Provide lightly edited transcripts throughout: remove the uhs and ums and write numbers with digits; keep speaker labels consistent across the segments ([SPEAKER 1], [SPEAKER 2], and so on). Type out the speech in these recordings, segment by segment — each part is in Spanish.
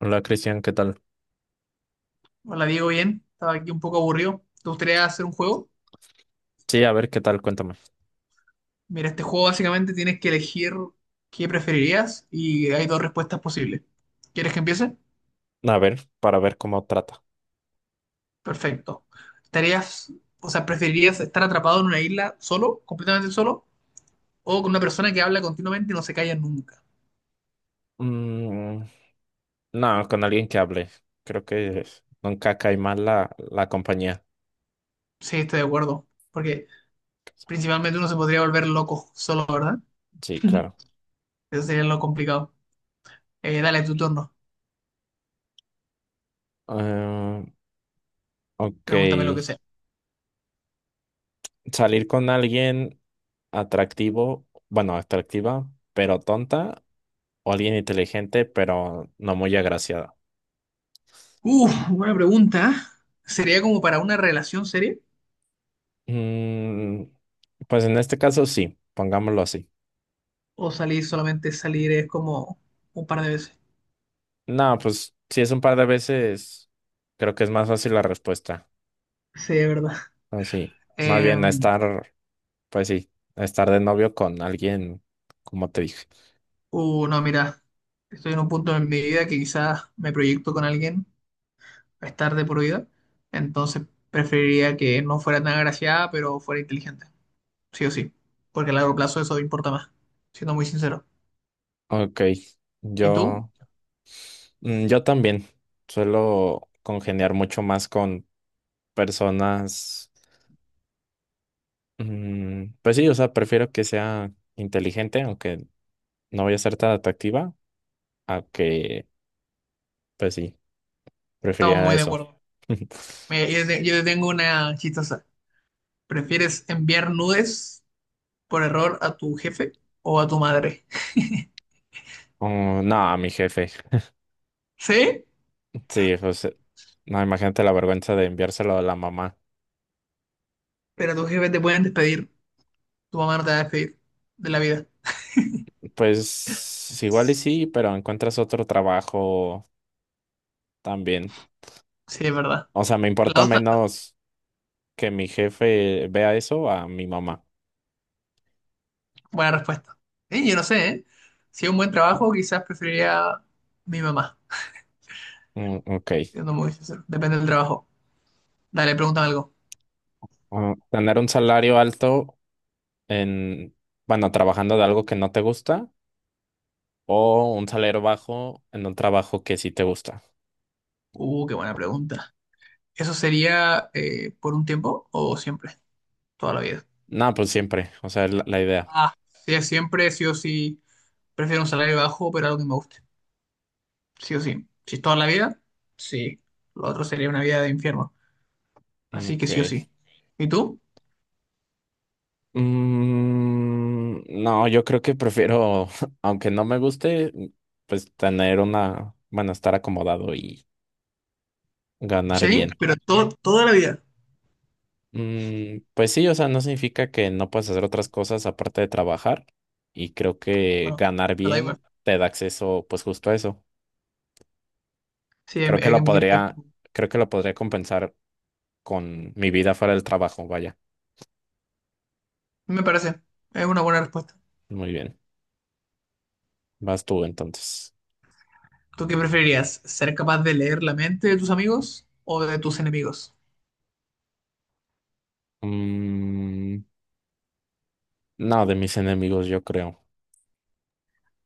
[SPEAKER 1] Hola Cristian, ¿qué tal?
[SPEAKER 2] Hola Diego, bien. Estaba aquí un poco aburrido. ¿Te gustaría hacer un juego?
[SPEAKER 1] Sí, a ver, ¿qué tal? Cuéntame.
[SPEAKER 2] Mira, este juego básicamente tienes que elegir qué preferirías y hay dos respuestas posibles. ¿Quieres que empiece?
[SPEAKER 1] A ver, para ver cómo trata.
[SPEAKER 2] Perfecto. ¿Estarías, o sea, ¿preferirías estar atrapado en una isla solo, completamente solo, o con una persona que habla continuamente y no se calla nunca?
[SPEAKER 1] Mm, no, con alguien que hable. Creo que nunca cae mal la compañía.
[SPEAKER 2] Sí, estoy de acuerdo. Porque principalmente uno se podría volver loco solo, ¿verdad?
[SPEAKER 1] Sí, claro.
[SPEAKER 2] Eso sería lo complicado. Dale tu turno.
[SPEAKER 1] Eh, ok.
[SPEAKER 2] Pregúntame lo que sea.
[SPEAKER 1] Salir con alguien atractivo, bueno, atractiva, pero tonta, o alguien inteligente, pero no muy agraciada.
[SPEAKER 2] Uf, buena pregunta. ¿Sería como para una relación seria?
[SPEAKER 1] Mm, pues en este caso sí, pongámoslo así.
[SPEAKER 2] O salir solamente salir es como un par de veces.
[SPEAKER 1] No, pues si es un par de veces, creo que es más fácil la respuesta.
[SPEAKER 2] Sí, es verdad.
[SPEAKER 1] No, sí. Más
[SPEAKER 2] Eh,
[SPEAKER 1] bien a estar, pues sí, a estar de novio con alguien, como te dije.
[SPEAKER 2] no, mira, estoy en un punto en mi vida que quizás me proyecto con alguien a estar de por vida, entonces preferiría que no fuera tan agraciada, pero fuera inteligente, sí o sí, porque a largo plazo eso importa más, siendo muy sincero.
[SPEAKER 1] Ok,
[SPEAKER 2] ¿Y tú?
[SPEAKER 1] yo, yo también suelo congeniar mucho más con personas, pues sí, o sea, prefiero que sea inteligente, aunque no voy a ser tan atractiva, a que, pues sí,
[SPEAKER 2] Estamos
[SPEAKER 1] preferiría
[SPEAKER 2] muy de
[SPEAKER 1] eso.
[SPEAKER 2] acuerdo. Mira, yo te tengo una chistosa. ¿Prefieres enviar nudes por error a tu jefe o a tu madre?
[SPEAKER 1] Oh, no, a mi jefe.
[SPEAKER 2] Sí,
[SPEAKER 1] Sí, pues, no, imagínate la vergüenza de enviárselo a la mamá.
[SPEAKER 2] pero a tu jefe te pueden despedir. Tu mamá no te va a despedir de la vida.
[SPEAKER 1] Pues igual y sí, pero encuentras otro trabajo también.
[SPEAKER 2] Sí, es verdad.
[SPEAKER 1] O sea, me
[SPEAKER 2] La
[SPEAKER 1] importa
[SPEAKER 2] dos,
[SPEAKER 1] menos que mi jefe vea eso a mi mamá.
[SPEAKER 2] buena respuesta. Yo no sé, ¿eh? Si es un buen trabajo, quizás preferiría mi mamá,
[SPEAKER 1] Mm, ok.
[SPEAKER 2] siendo muy sincero. Depende del trabajo. Dale, pregúntame algo.
[SPEAKER 1] Ah, tener un salario alto en, bueno, trabajando de algo que no te gusta o un salario bajo en un trabajo que sí te gusta.
[SPEAKER 2] Qué buena pregunta. ¿Eso sería, por un tiempo o siempre? Toda la vida.
[SPEAKER 1] No, pues siempre. O sea, la idea.
[SPEAKER 2] Ah, sí, siempre, sí o sí. Prefiero un salario bajo, pero algo que me guste. Sí o sí. Si es toda la vida, sí. Lo otro sería una vida de infierno.
[SPEAKER 1] Mm,
[SPEAKER 2] Así que sí o
[SPEAKER 1] ok.
[SPEAKER 2] sí. ¿Y tú?
[SPEAKER 1] No, yo creo que prefiero, aunque no me guste, pues tener una, bueno, estar acomodado y ganar
[SPEAKER 2] Sí,
[SPEAKER 1] bien.
[SPEAKER 2] pero todo, toda la vida.
[SPEAKER 1] Pues sí, o sea, no significa que no puedas hacer otras cosas aparte de trabajar. Y creo que
[SPEAKER 2] Bueno,
[SPEAKER 1] ganar
[SPEAKER 2] es verdad igual.
[SPEAKER 1] bien te da acceso, pues justo a eso.
[SPEAKER 2] Sí, hay
[SPEAKER 1] Creo que
[SPEAKER 2] hay que
[SPEAKER 1] lo
[SPEAKER 2] admitir que
[SPEAKER 1] podría, Creo que lo podría compensar con mi vida fuera del trabajo. Vaya,
[SPEAKER 2] me parece. Es una buena respuesta.
[SPEAKER 1] muy bien. Vas tú entonces.
[SPEAKER 2] ¿Tú qué preferirías? ¿Ser capaz de leer la mente de tus amigos o de tus enemigos?
[SPEAKER 1] Mm, no, de mis enemigos, yo creo.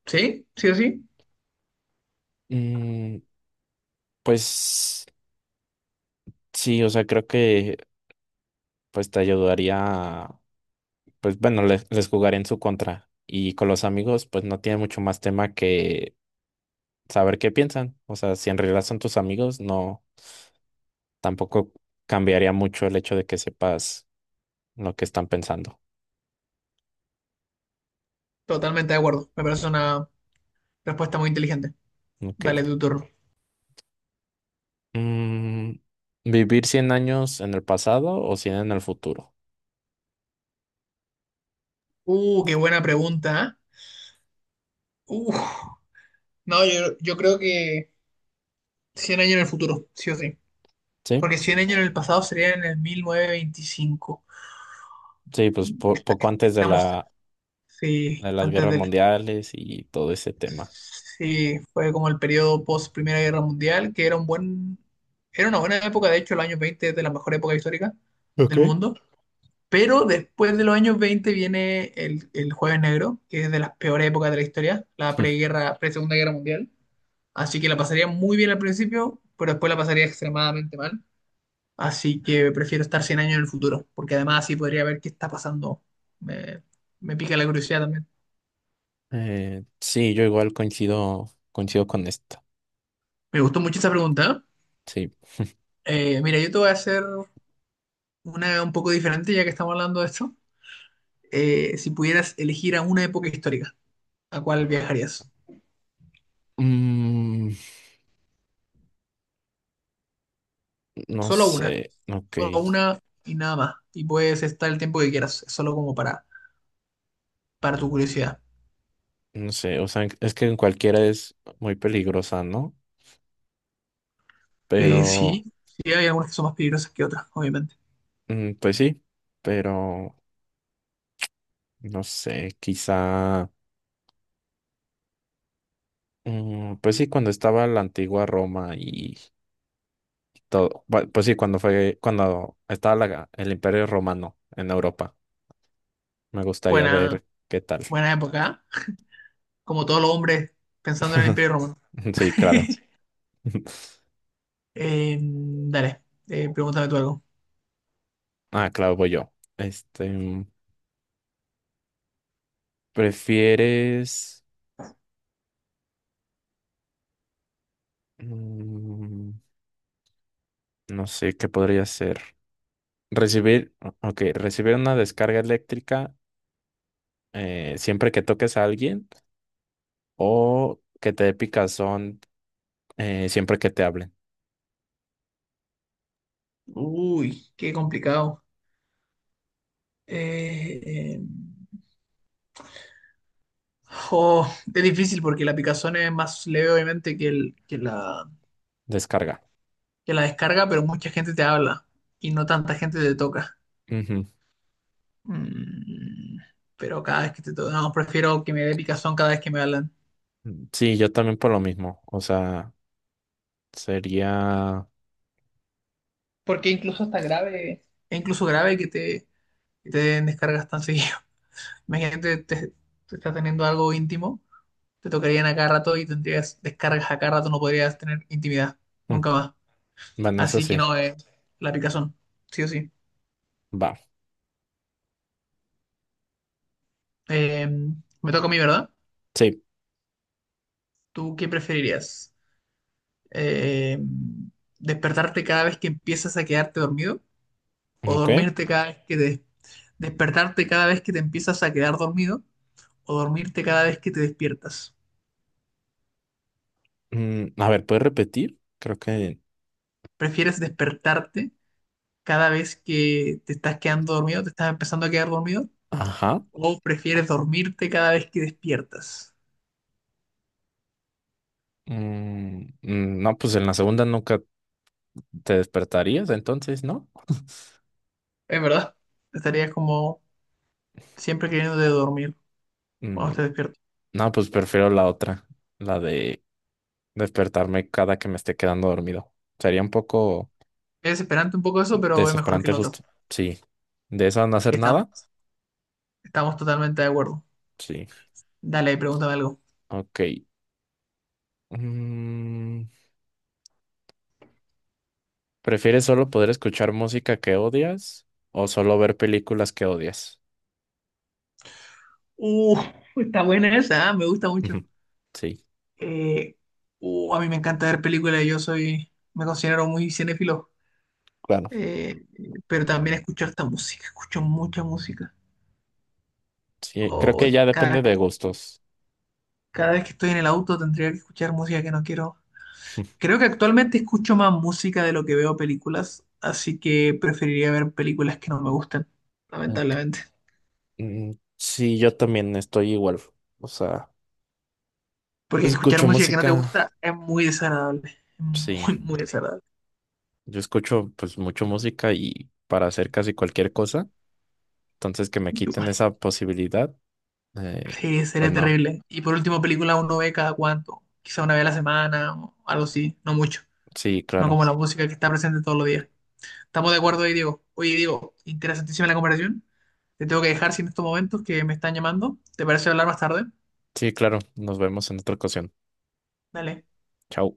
[SPEAKER 2] ¿Sí? ¿Sí o sí?
[SPEAKER 1] Mm, pues sí, o sea, creo que pues te ayudaría. Pues bueno, les jugaré en su contra. Y con los amigos, pues no tiene mucho más tema que saber qué piensan. O sea, si en realidad son tus amigos, no, tampoco cambiaría mucho el hecho de que sepas lo que están pensando.
[SPEAKER 2] Totalmente de acuerdo. Me parece una respuesta muy inteligente.
[SPEAKER 1] Ok.
[SPEAKER 2] Dale tu turno.
[SPEAKER 1] Mm, ¿Vivir cien años en el pasado o 100 en el futuro?
[SPEAKER 2] Qué buena pregunta. ¿Eh? No, yo creo que 100 años en el futuro, sí o sí.
[SPEAKER 1] Sí,
[SPEAKER 2] Porque 100 años en el pasado sería en el 1925.
[SPEAKER 1] sí, pues
[SPEAKER 2] Est-
[SPEAKER 1] poco
[SPEAKER 2] est-
[SPEAKER 1] antes de
[SPEAKER 2] Estamos,
[SPEAKER 1] la,
[SPEAKER 2] sí,
[SPEAKER 1] de las
[SPEAKER 2] antes
[SPEAKER 1] guerras
[SPEAKER 2] del.
[SPEAKER 1] mundiales y todo ese tema.
[SPEAKER 2] Sí, fue como el periodo post Primera Guerra Mundial, que era una buena época. De hecho, los años 20 es de la mejor época histórica del
[SPEAKER 1] Okay.
[SPEAKER 2] mundo. Pero después de los años 20 viene el Jueves Negro, que es de las peores épocas de la historia, la preguerra, pre-Segunda Guerra Mundial. Así que la pasaría muy bien al principio, pero después la pasaría extremadamente mal. Así que prefiero estar 100 años en el futuro, porque además así podría ver qué está pasando. Me, me pica la curiosidad también.
[SPEAKER 1] Sí, yo igual coincido con esto.
[SPEAKER 2] Me gustó mucho esa pregunta.
[SPEAKER 1] Sí.
[SPEAKER 2] Mira, yo te voy a hacer una un poco diferente, ya que estamos hablando de esto. Si pudieras elegir a una época histórica, ¿a cuál viajarías?
[SPEAKER 1] Mm, No
[SPEAKER 2] Solo una,
[SPEAKER 1] sé, ok,
[SPEAKER 2] solo una y nada más. Y puedes estar el tiempo que quieras, es solo como para, tu curiosidad.
[SPEAKER 1] no sé, o sea, es que en cualquiera es muy peligrosa, ¿no? Pero,
[SPEAKER 2] Sí, sí, hay algunas que son más peligrosas que otras, obviamente.
[SPEAKER 1] pues sí, pero, no sé, quizá, pues sí, cuando estaba la antigua Roma y todo, pues sí, cuando fue, cuando estaba el Imperio Romano en Europa, me gustaría
[SPEAKER 2] Buena,
[SPEAKER 1] ver qué tal.
[SPEAKER 2] buena época, ¿eh? Como todos los hombres pensando en el Imperio Romano.
[SPEAKER 1] Sí, claro.
[SPEAKER 2] Dale, pregúntame tú algo.
[SPEAKER 1] Ah, claro, voy yo. ¿Prefieres, mm, no sé, qué podría ser? Recibir, ok, recibir una descarga eléctrica siempre que toques a alguien o que te dé picazón siempre que te hablen.
[SPEAKER 2] Uy, qué complicado. Eh, eh, Oh, es difícil porque la picazón es más leve obviamente
[SPEAKER 1] Descarga.
[SPEAKER 2] que la descarga, pero mucha gente te habla y no tanta gente te toca.
[SPEAKER 1] Ujú.
[SPEAKER 2] Mm, pero cada vez que te toca, no, prefiero que me dé picazón cada vez que me hablan.
[SPEAKER 1] Sí, yo también por lo mismo. O sea, sería...
[SPEAKER 2] Porque incluso está grave. Es incluso grave que te den descargas tan seguido. Imagínate, te estás teniendo algo íntimo, te tocarían a cada rato y tendrías descargas a cada rato, no podrías tener intimidad,
[SPEAKER 1] mm,
[SPEAKER 2] nunca más.
[SPEAKER 1] Bueno, eso
[SPEAKER 2] Así que
[SPEAKER 1] sí.
[SPEAKER 2] no, la picazón, sí o sí.
[SPEAKER 1] Va.
[SPEAKER 2] Eh, Me toca a mí, ¿verdad?
[SPEAKER 1] Sí.
[SPEAKER 2] ¿Tú qué preferirías? Eh, ¿Despertarte cada vez que empiezas a quedarte dormido? ¿O
[SPEAKER 1] Ok.
[SPEAKER 2] dormirte cada vez que te... despertarte cada vez que te empiezas a quedar dormido? ¿O dormirte cada vez que te despiertas?
[SPEAKER 1] A ver, ¿puedes repetir? Creo que...
[SPEAKER 2] ¿Prefieres despertarte cada vez que te estás quedando dormido, te estás empezando a quedar dormido?
[SPEAKER 1] Ajá.
[SPEAKER 2] ¿O prefieres dormirte cada vez que despiertas?
[SPEAKER 1] No, pues en la segunda nunca te despertarías, entonces, ¿no?
[SPEAKER 2] Es verdad, estarías como siempre queriendo de dormir cuando
[SPEAKER 1] Mm,
[SPEAKER 2] te despiertas.
[SPEAKER 1] no, pues prefiero la otra. La de despertarme cada que me esté quedando dormido. Sería un poco
[SPEAKER 2] Es desesperante un poco eso, pero es mejor que
[SPEAKER 1] desesperante
[SPEAKER 2] el otro.
[SPEAKER 1] justo. Sí. ¿De eso no
[SPEAKER 2] Sí,
[SPEAKER 1] hacer
[SPEAKER 2] está
[SPEAKER 1] nada?
[SPEAKER 2] Estamos totalmente de acuerdo.
[SPEAKER 1] Sí.
[SPEAKER 2] Dale, pregúntame algo.
[SPEAKER 1] Ok. Mm, ¿Prefieres solo poder escuchar música que odias o solo ver películas que odias?
[SPEAKER 2] Uh, Está buena esa, ¿eh? Me gusta mucho.
[SPEAKER 1] Ujú. Sí.
[SPEAKER 2] Eh, a mí me encanta ver películas. Me considero muy cinéfilo.
[SPEAKER 1] Claro.
[SPEAKER 2] Eh, pero también escucho harta música, escucho mucha música.
[SPEAKER 1] Sí, creo
[SPEAKER 2] Oh,
[SPEAKER 1] que ya depende
[SPEAKER 2] cada,
[SPEAKER 1] de gustos.
[SPEAKER 2] cada vez que estoy en el auto tendría que escuchar música que no quiero. Creo que actualmente escucho más música de lo que veo películas, así que preferiría ver películas que no me gustan,
[SPEAKER 1] Ok.
[SPEAKER 2] lamentablemente.
[SPEAKER 1] Sí, yo también estoy igual. O sea,
[SPEAKER 2] Porque escuchar
[SPEAKER 1] escucho
[SPEAKER 2] música que no te
[SPEAKER 1] música.
[SPEAKER 2] gusta es muy desagradable, es
[SPEAKER 1] Sí,
[SPEAKER 2] muy, muy desagradable.
[SPEAKER 1] yo escucho pues mucho música y para hacer casi cualquier cosa. Entonces, que me
[SPEAKER 2] Yo
[SPEAKER 1] quiten
[SPEAKER 2] igual.
[SPEAKER 1] esa posibilidad, eh,
[SPEAKER 2] Sí,
[SPEAKER 1] pues
[SPEAKER 2] sería
[SPEAKER 1] no.
[SPEAKER 2] terrible. Y por último, película uno ve cada cuánto, quizá una vez a la semana o algo así, no mucho.
[SPEAKER 1] Sí,
[SPEAKER 2] No
[SPEAKER 1] claro.
[SPEAKER 2] como la música que está presente todos los días. Estamos de acuerdo ahí, Diego. Oye, Diego, interesantísima la conversación. Te tengo que dejar sin estos momentos que me están llamando. ¿Te parece hablar más tarde?
[SPEAKER 1] Sí, claro. Nos vemos en otra ocasión.
[SPEAKER 2] Dale.
[SPEAKER 1] Chao.